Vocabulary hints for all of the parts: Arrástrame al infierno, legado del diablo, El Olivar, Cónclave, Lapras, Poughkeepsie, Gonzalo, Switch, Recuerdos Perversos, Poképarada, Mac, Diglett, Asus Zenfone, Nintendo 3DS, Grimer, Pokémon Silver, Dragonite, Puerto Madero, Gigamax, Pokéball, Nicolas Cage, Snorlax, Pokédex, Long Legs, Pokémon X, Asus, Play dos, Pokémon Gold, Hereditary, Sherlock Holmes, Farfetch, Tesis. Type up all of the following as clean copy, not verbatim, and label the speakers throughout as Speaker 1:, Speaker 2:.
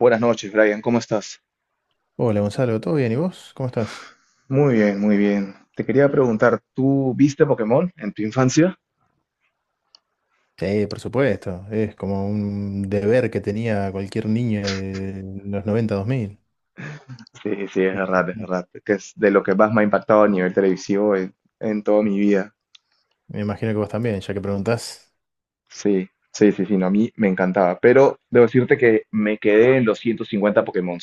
Speaker 1: Buenas noches, Brian, ¿cómo estás?
Speaker 2: Hola Gonzalo, ¿todo bien? ¿Y vos? ¿Cómo estás?
Speaker 1: Muy bien, muy bien. Te quería preguntar, ¿tú viste Pokémon en tu infancia?
Speaker 2: Sí, por supuesto, es como un deber que tenía cualquier niño de los 90-2000.
Speaker 1: Sí, sí, es
Speaker 2: Me
Speaker 1: verdad, es
Speaker 2: imagino,
Speaker 1: verdad. Que es de lo que más me ha impactado a nivel televisivo en toda mi vida.
Speaker 2: me imagino que vos también, ya que preguntás.
Speaker 1: Sí, sí, sí, sí, no, a mí me encantaba. Pero debo decirte que me quedé en los 150 Pokémon.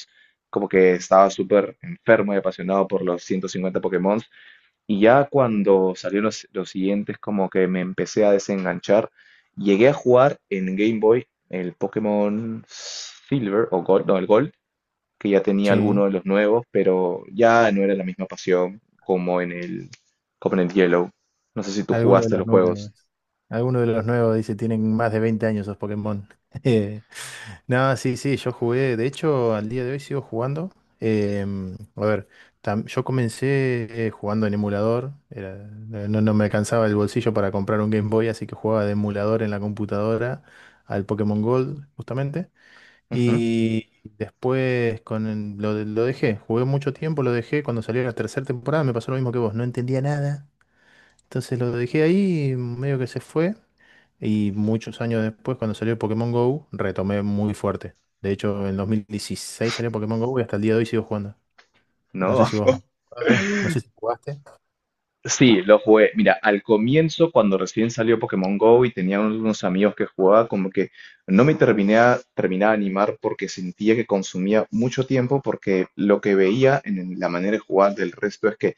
Speaker 1: Como que estaba súper enfermo y apasionado por los 150 Pokémon. Y ya cuando salieron los siguientes, como que me empecé a desenganchar. Llegué a jugar en Game Boy el Pokémon Silver o Gold, no, el Gold, que ya tenía alguno
Speaker 2: Sí,
Speaker 1: de los nuevos, pero ya no era la misma pasión como en el Yellow. No sé si tú
Speaker 2: alguno de
Speaker 1: jugaste
Speaker 2: los
Speaker 1: los
Speaker 2: nuevos.
Speaker 1: juegos.
Speaker 2: Alguno de los nuevos dice, tienen más de 20 años esos Pokémon. No, sí, sí, yo jugué, de hecho al día de hoy sigo jugando. A ver, yo comencé jugando en emulador, no, no me alcanzaba el bolsillo para comprar un Game Boy, así que jugaba de emulador en la computadora al Pokémon Gold, justamente.
Speaker 1: Ujú.
Speaker 2: Y después lo dejé, jugué mucho tiempo, lo dejé, cuando salió la tercera temporada me pasó lo mismo que vos, no entendía nada. Entonces lo dejé ahí, medio que se fue. Y muchos años después, cuando salió Pokémon Go, retomé muy fuerte. De hecho, en 2016 salió Pokémon Go y hasta el día de hoy sigo jugando. No sé
Speaker 1: No.
Speaker 2: si vos. Ah, no sé si jugaste.
Speaker 1: Sí, lo jugué. Mira, al comienzo, cuando recién salió Pokémon Go y tenía unos amigos que jugaba, como que no me terminaba de animar porque sentía que consumía mucho tiempo, porque lo que veía en la manera de jugar del resto es que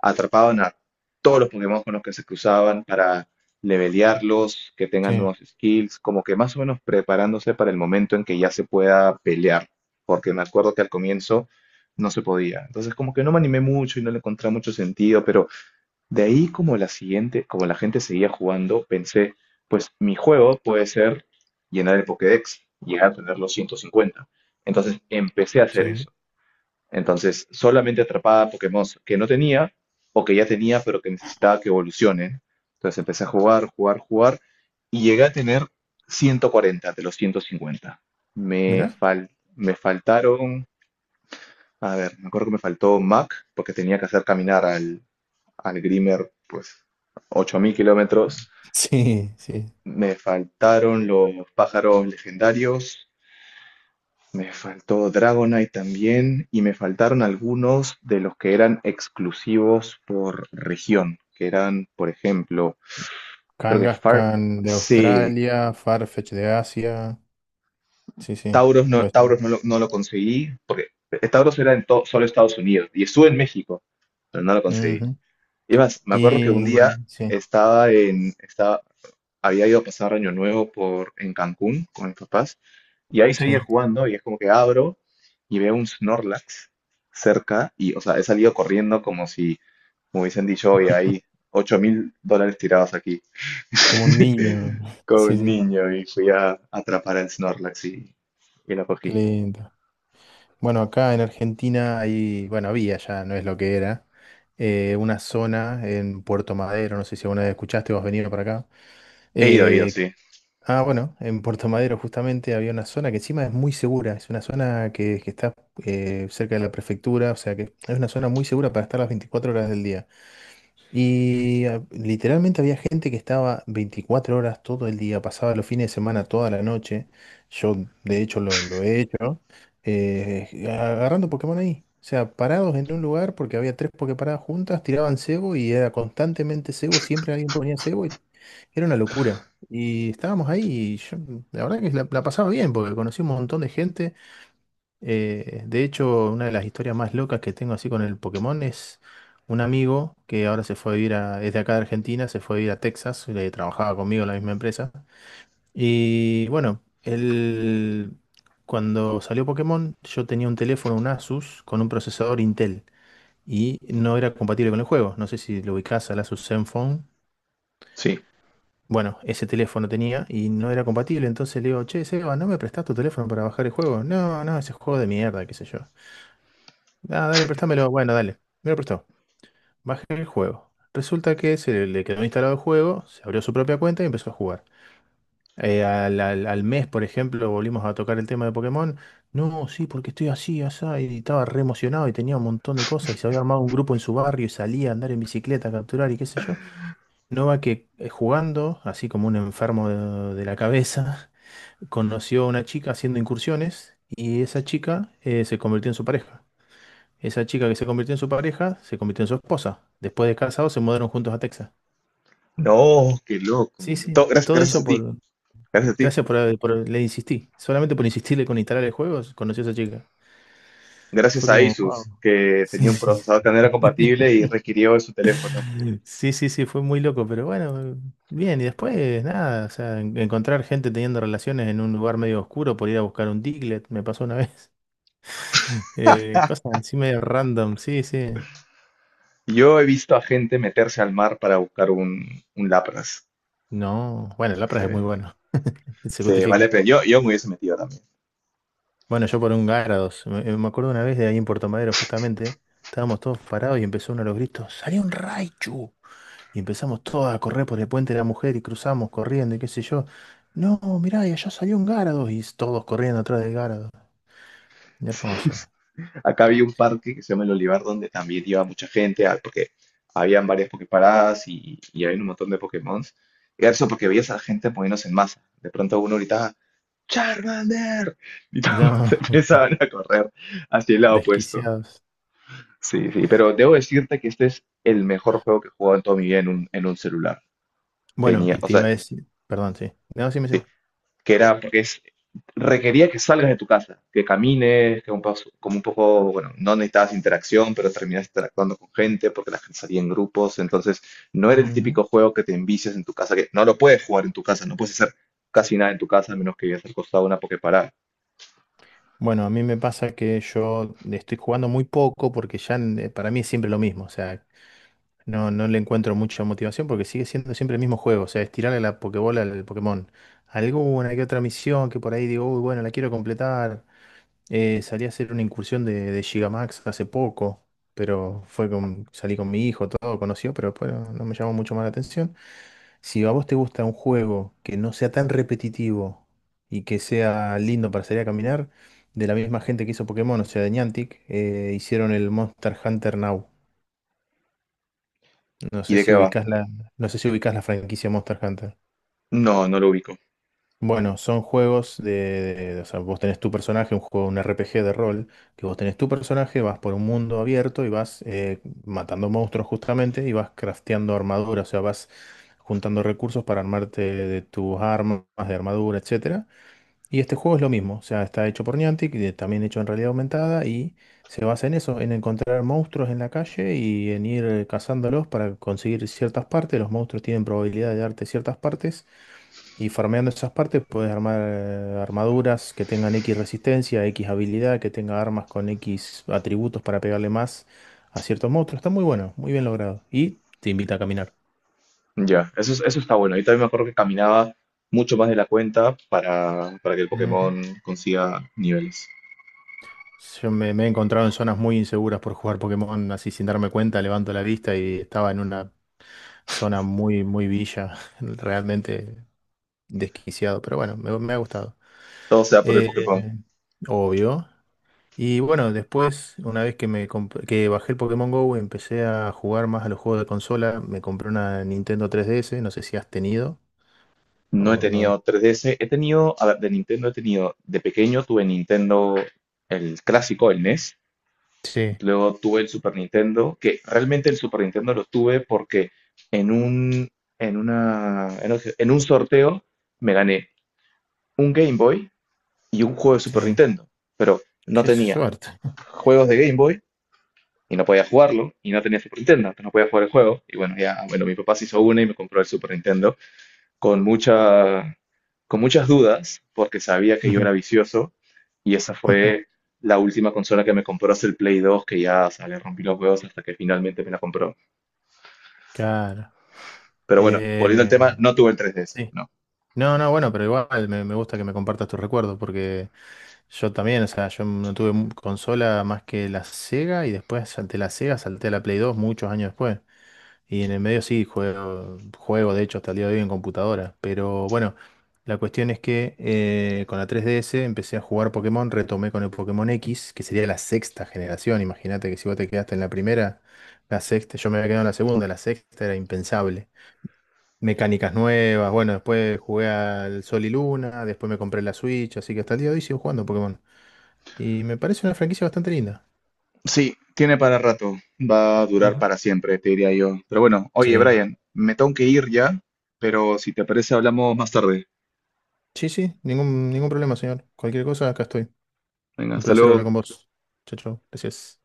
Speaker 1: atrapaban a todos los Pokémon con los que se cruzaban para levelearlos, que tengan
Speaker 2: Sí,
Speaker 1: nuevos skills, como que más o menos preparándose para el momento en que ya se pueda pelear, porque me acuerdo que al comienzo no se podía. Entonces, como que no me animé mucho y no le encontré mucho sentido, pero de ahí como la siguiente, como la gente seguía jugando, pensé, pues mi juego puede ser llenar el Pokédex, llegar a tener los 150. Entonces empecé a hacer
Speaker 2: sí.
Speaker 1: eso. Entonces solamente atrapaba Pokémon que no tenía o que ya tenía pero que necesitaba que evolucionen. Entonces empecé a jugar, jugar, jugar y llegué a tener 140 de los 150. Me
Speaker 2: ¿Mira?
Speaker 1: fal- Me faltaron, a ver, me acuerdo que me faltó Mac porque tenía que hacer caminar al Grimer, pues 8.000 kilómetros.
Speaker 2: Sí, sí.
Speaker 1: Me faltaron los pájaros legendarios, me faltó Dragonite también, y me faltaron algunos de los que eran exclusivos por región, que eran, por ejemplo, creo que Far...
Speaker 2: Kangaskhan de
Speaker 1: Sí,
Speaker 2: Australia, Farfetch de Asia. Sí, sí, puede ser.
Speaker 1: Tauros no lo conseguí, porque Tauros era solo Estados Unidos, y estuve en México, pero no lo conseguí.
Speaker 2: Ujú.
Speaker 1: Y más, me acuerdo que un día
Speaker 2: Y sí,
Speaker 1: estaba en, estaba, había ido a pasar Año Nuevo en Cancún con mis papás y ahí seguía
Speaker 2: sí.
Speaker 1: jugando y es como que abro y veo un Snorlax cerca y, o sea, he salido corriendo como si me hubiesen dicho, oye, hay 8.000 dólares tirados aquí
Speaker 2: Como un niño.
Speaker 1: con
Speaker 2: Sí,
Speaker 1: un
Speaker 2: sí.
Speaker 1: niño y fui a atrapar al Snorlax y lo
Speaker 2: Qué
Speaker 1: cogí.
Speaker 2: lindo. Bueno, acá en Argentina hay, bueno, había ya, no es lo que era, una zona en Puerto Madero, no sé si alguna vez escuchaste o has venido para acá.
Speaker 1: He ido,
Speaker 2: eh,
Speaker 1: sí,
Speaker 2: ah, bueno, en Puerto Madero justamente había una zona que encima es muy segura, es una zona que está cerca de la prefectura, o sea que es una zona muy segura para estar las 24 horas del día. Y ah, literalmente había gente que estaba 24 horas todo el día, pasaba los fines de semana toda la noche. Yo, de hecho, lo he hecho, agarrando Pokémon ahí. O sea, parados en un lugar porque había tres Poképaradas juntas, tiraban cebo y era constantemente cebo, siempre alguien ponía cebo y era una locura. Y estábamos ahí y yo, la verdad que la pasaba bien porque conocí un montón de gente. De hecho, una de las historias más locas que tengo así con el Pokémon es un amigo que ahora se fue a vivir a, es de acá de Argentina, se fue a vivir a Texas, le trabajaba conmigo en la misma empresa. Y bueno, él, cuando salió Pokémon, yo tenía un teléfono, un Asus, con un procesador Intel y no era compatible con el juego. No sé si lo ubicás al Asus Zenfone.
Speaker 1: sí.
Speaker 2: Bueno, ese teléfono tenía y no era compatible, entonces le digo, che, Seba, ¿no me prestás tu teléfono para bajar el juego? No, no, ese juego de mierda, qué sé yo. Ah, dale, préstamelo. Bueno, dale. Me lo prestó. Bajé el juego. Resulta que se le quedó instalado el juego, se abrió su propia cuenta y empezó a jugar. Al mes, por ejemplo, volvimos a tocar el tema de Pokémon. No, sí, porque estoy así, asá. Y estaba re emocionado y tenía un montón de cosas. Y se había armado un grupo en su barrio y salía a andar en bicicleta, a capturar y qué sé yo. No va que jugando, así como un enfermo de la cabeza, conoció a una chica haciendo incursiones y esa chica se convirtió en su pareja. Esa chica que se convirtió en su pareja se convirtió en su esposa. Después de casados se mudaron juntos a Texas.
Speaker 1: No, qué loco.
Speaker 2: Sí, sí,
Speaker 1: Gracias,
Speaker 2: todo
Speaker 1: gracias
Speaker 2: eso
Speaker 1: a ti,
Speaker 2: por.
Speaker 1: gracias a ti.
Speaker 2: Gracias por. Le insistí. Solamente por insistirle con instalar el juego, conocí a esa chica. Fue
Speaker 1: Gracias a
Speaker 2: como, wow.
Speaker 1: Asus, que
Speaker 2: Sí,
Speaker 1: tenía un
Speaker 2: sí.
Speaker 1: procesador que no era compatible y requirió en su teléfono.
Speaker 2: Sí, sí, sí, fue muy loco, pero bueno, bien, y después nada, o sea, encontrar gente teniendo relaciones en un lugar medio oscuro por ir a buscar un Diglett, me pasó una vez. Cosas así medio random, sí, sí.
Speaker 1: Yo he visto a gente meterse al mar para buscar un lapras.
Speaker 2: No, bueno, el Lapras es muy
Speaker 1: Se,
Speaker 2: bueno, se
Speaker 1: se vale la
Speaker 2: justifica.
Speaker 1: pena. Yo me hubiese metido también.
Speaker 2: Bueno, yo por un Gárados. Me acuerdo una vez de ahí en Puerto Madero, justamente. Estábamos todos parados y empezó uno de los gritos: ¡Salió un Raichu! Y empezamos todos a correr por el puente de la mujer y cruzamos corriendo y qué sé yo. No, mirá, y allá salió un Gárados. Y todos corriendo atrás del Gárados. Hermoso era.
Speaker 1: Acá había un parque que se llama El Olivar, donde también iba mucha gente, ah, porque habían varias poképaradas y había un montón de Pokémon. Y eso porque veías a la gente poniéndose en masa. De pronto uno gritaba, ¡Charmander! Y todos
Speaker 2: No,
Speaker 1: se empezaban a correr hacia el lado opuesto.
Speaker 2: desquiciados.
Speaker 1: Sí, sí, pero debo decirte que este es el mejor juego que he jugado en toda mi vida en un celular.
Speaker 2: Bueno,
Speaker 1: Tenía,
Speaker 2: y
Speaker 1: o
Speaker 2: te
Speaker 1: sea,
Speaker 2: iba a decir. Perdón, sí. No, sí, sí.
Speaker 1: sí, que era porque requería que salgas de tu casa, que camines, que como un poco, bueno, no necesitabas interacción, pero terminabas interactuando con gente porque la gente salía en grupos, entonces no era el
Speaker 2: Ujú.
Speaker 1: típico juego que te envicias en tu casa, que no lo puedes jugar en tu casa, no puedes hacer casi nada en tu casa a menos que vivas al costado de una Poképarada.
Speaker 2: Bueno, a mí me pasa que yo estoy jugando muy poco porque ya para mí es siempre lo mismo. O sea, no, no le encuentro mucha motivación porque sigue siendo siempre el mismo juego. O sea, estirarle la Pokébola al Pokémon. Alguna que otra misión que por ahí digo, uy, bueno, la quiero completar. Salí a hacer una incursión de Gigamax hace poco, pero salí con mi hijo, todo conoció, pero después no, no me llamó mucho más la atención. Si a vos te gusta un juego que no sea tan repetitivo y que sea lindo para salir a caminar, de la misma gente que hizo Pokémon, o sea, de Niantic, hicieron el Monster Hunter Now. No
Speaker 1: ¿Y
Speaker 2: sé
Speaker 1: de
Speaker 2: si
Speaker 1: qué va?
Speaker 2: ubicás la, no sé si ubicás la franquicia Monster Hunter.
Speaker 1: No, no lo ubico.
Speaker 2: Bueno, son juegos o sea, vos tenés tu personaje, un juego, un RPG de rol, que vos tenés tu personaje, vas por un mundo abierto y vas matando monstruos justamente y vas crafteando armadura, o sea, vas juntando recursos para armarte de tus armas, de armadura, etcétera y este juego es lo mismo, o sea, está hecho por Niantic, y también hecho en realidad aumentada, y se basa en eso, en encontrar monstruos en la calle y en ir cazándolos para conseguir ciertas partes. Los monstruos tienen probabilidad de darte ciertas partes, y farmeando esas partes puedes armar armaduras que tengan X resistencia, X habilidad, que tenga armas con X atributos para pegarle más a ciertos monstruos. Está muy bueno, muy bien logrado. Y te invita a caminar.
Speaker 1: Ya, eso, eso está bueno. Yo también me acuerdo que caminaba mucho más de la cuenta para que el
Speaker 2: Ujú.
Speaker 1: Pokémon consiga niveles.
Speaker 2: Yo me he encontrado en zonas muy inseguras por jugar Pokémon, así sin darme cuenta, levanto la vista y estaba en una zona muy, muy villa, realmente desquiciado, pero bueno, me ha gustado.
Speaker 1: Todo sea por el
Speaker 2: Eh,
Speaker 1: Pokémon.
Speaker 2: obvio. Y bueno, después, una vez que, que bajé el Pokémon Go, empecé a jugar más a los juegos de consola, me compré una Nintendo 3DS, no sé si has tenido
Speaker 1: No he
Speaker 2: o no.
Speaker 1: tenido 3DS, he tenido, a ver, de Nintendo he tenido, de pequeño tuve Nintendo, el clásico, el NES,
Speaker 2: Sí,
Speaker 1: luego tuve el Super Nintendo, que realmente el Super Nintendo lo tuve porque en un, en un sorteo me gané un Game Boy y un juego de Super
Speaker 2: sí,
Speaker 1: Nintendo, pero no
Speaker 2: qué
Speaker 1: tenía
Speaker 2: suerte.
Speaker 1: juegos de Game Boy y no podía jugarlo y no tenía Super Nintendo, entonces no podía jugar el juego y bueno, ya, bueno, mi papá se hizo una y me compró el Super Nintendo con mucha, con muchas dudas, porque sabía que yo era vicioso, y esa fue la última consola que me compró es el Play dos que ya, o sea, le rompí los huevos hasta que finalmente me la compró.
Speaker 2: Claro.
Speaker 1: Pero bueno, volviendo al tema,
Speaker 2: Eh,
Speaker 1: no tuve el 3DS,
Speaker 2: sí.
Speaker 1: no.
Speaker 2: No, no, bueno, pero igual me gusta que me compartas tus recuerdos porque yo también, o sea, yo no tuve consola más que la Sega y después salté la Sega, salté a la Play dos muchos años después. Y en el medio sí, juego de hecho hasta el día de hoy en computadora. Pero bueno, la cuestión es que con la 3DS empecé a jugar Pokémon, retomé con el Pokémon X, que sería la sexta generación. Imagínate que si vos te quedaste en la primera, la sexta, yo me había quedado en la segunda, la sexta era impensable mecánicas nuevas. Bueno, después jugué al Sol y Luna, después me compré la Switch, así que hasta el día de hoy sigo jugando Pokémon. Y me parece una franquicia bastante linda.
Speaker 1: Sí, tiene para rato, va a durar
Speaker 2: Ujú.
Speaker 1: para siempre, te diría yo. Pero bueno, oye,
Speaker 2: Sí.
Speaker 1: Brian, me tengo que ir ya, pero si te parece hablamos más tarde.
Speaker 2: Sí, sí, ningún problema, señor. Cualquier cosa, acá estoy.
Speaker 1: Venga,
Speaker 2: Un
Speaker 1: hasta
Speaker 2: placer
Speaker 1: luego.
Speaker 2: hablar con vos. Chao, chao. Gracias.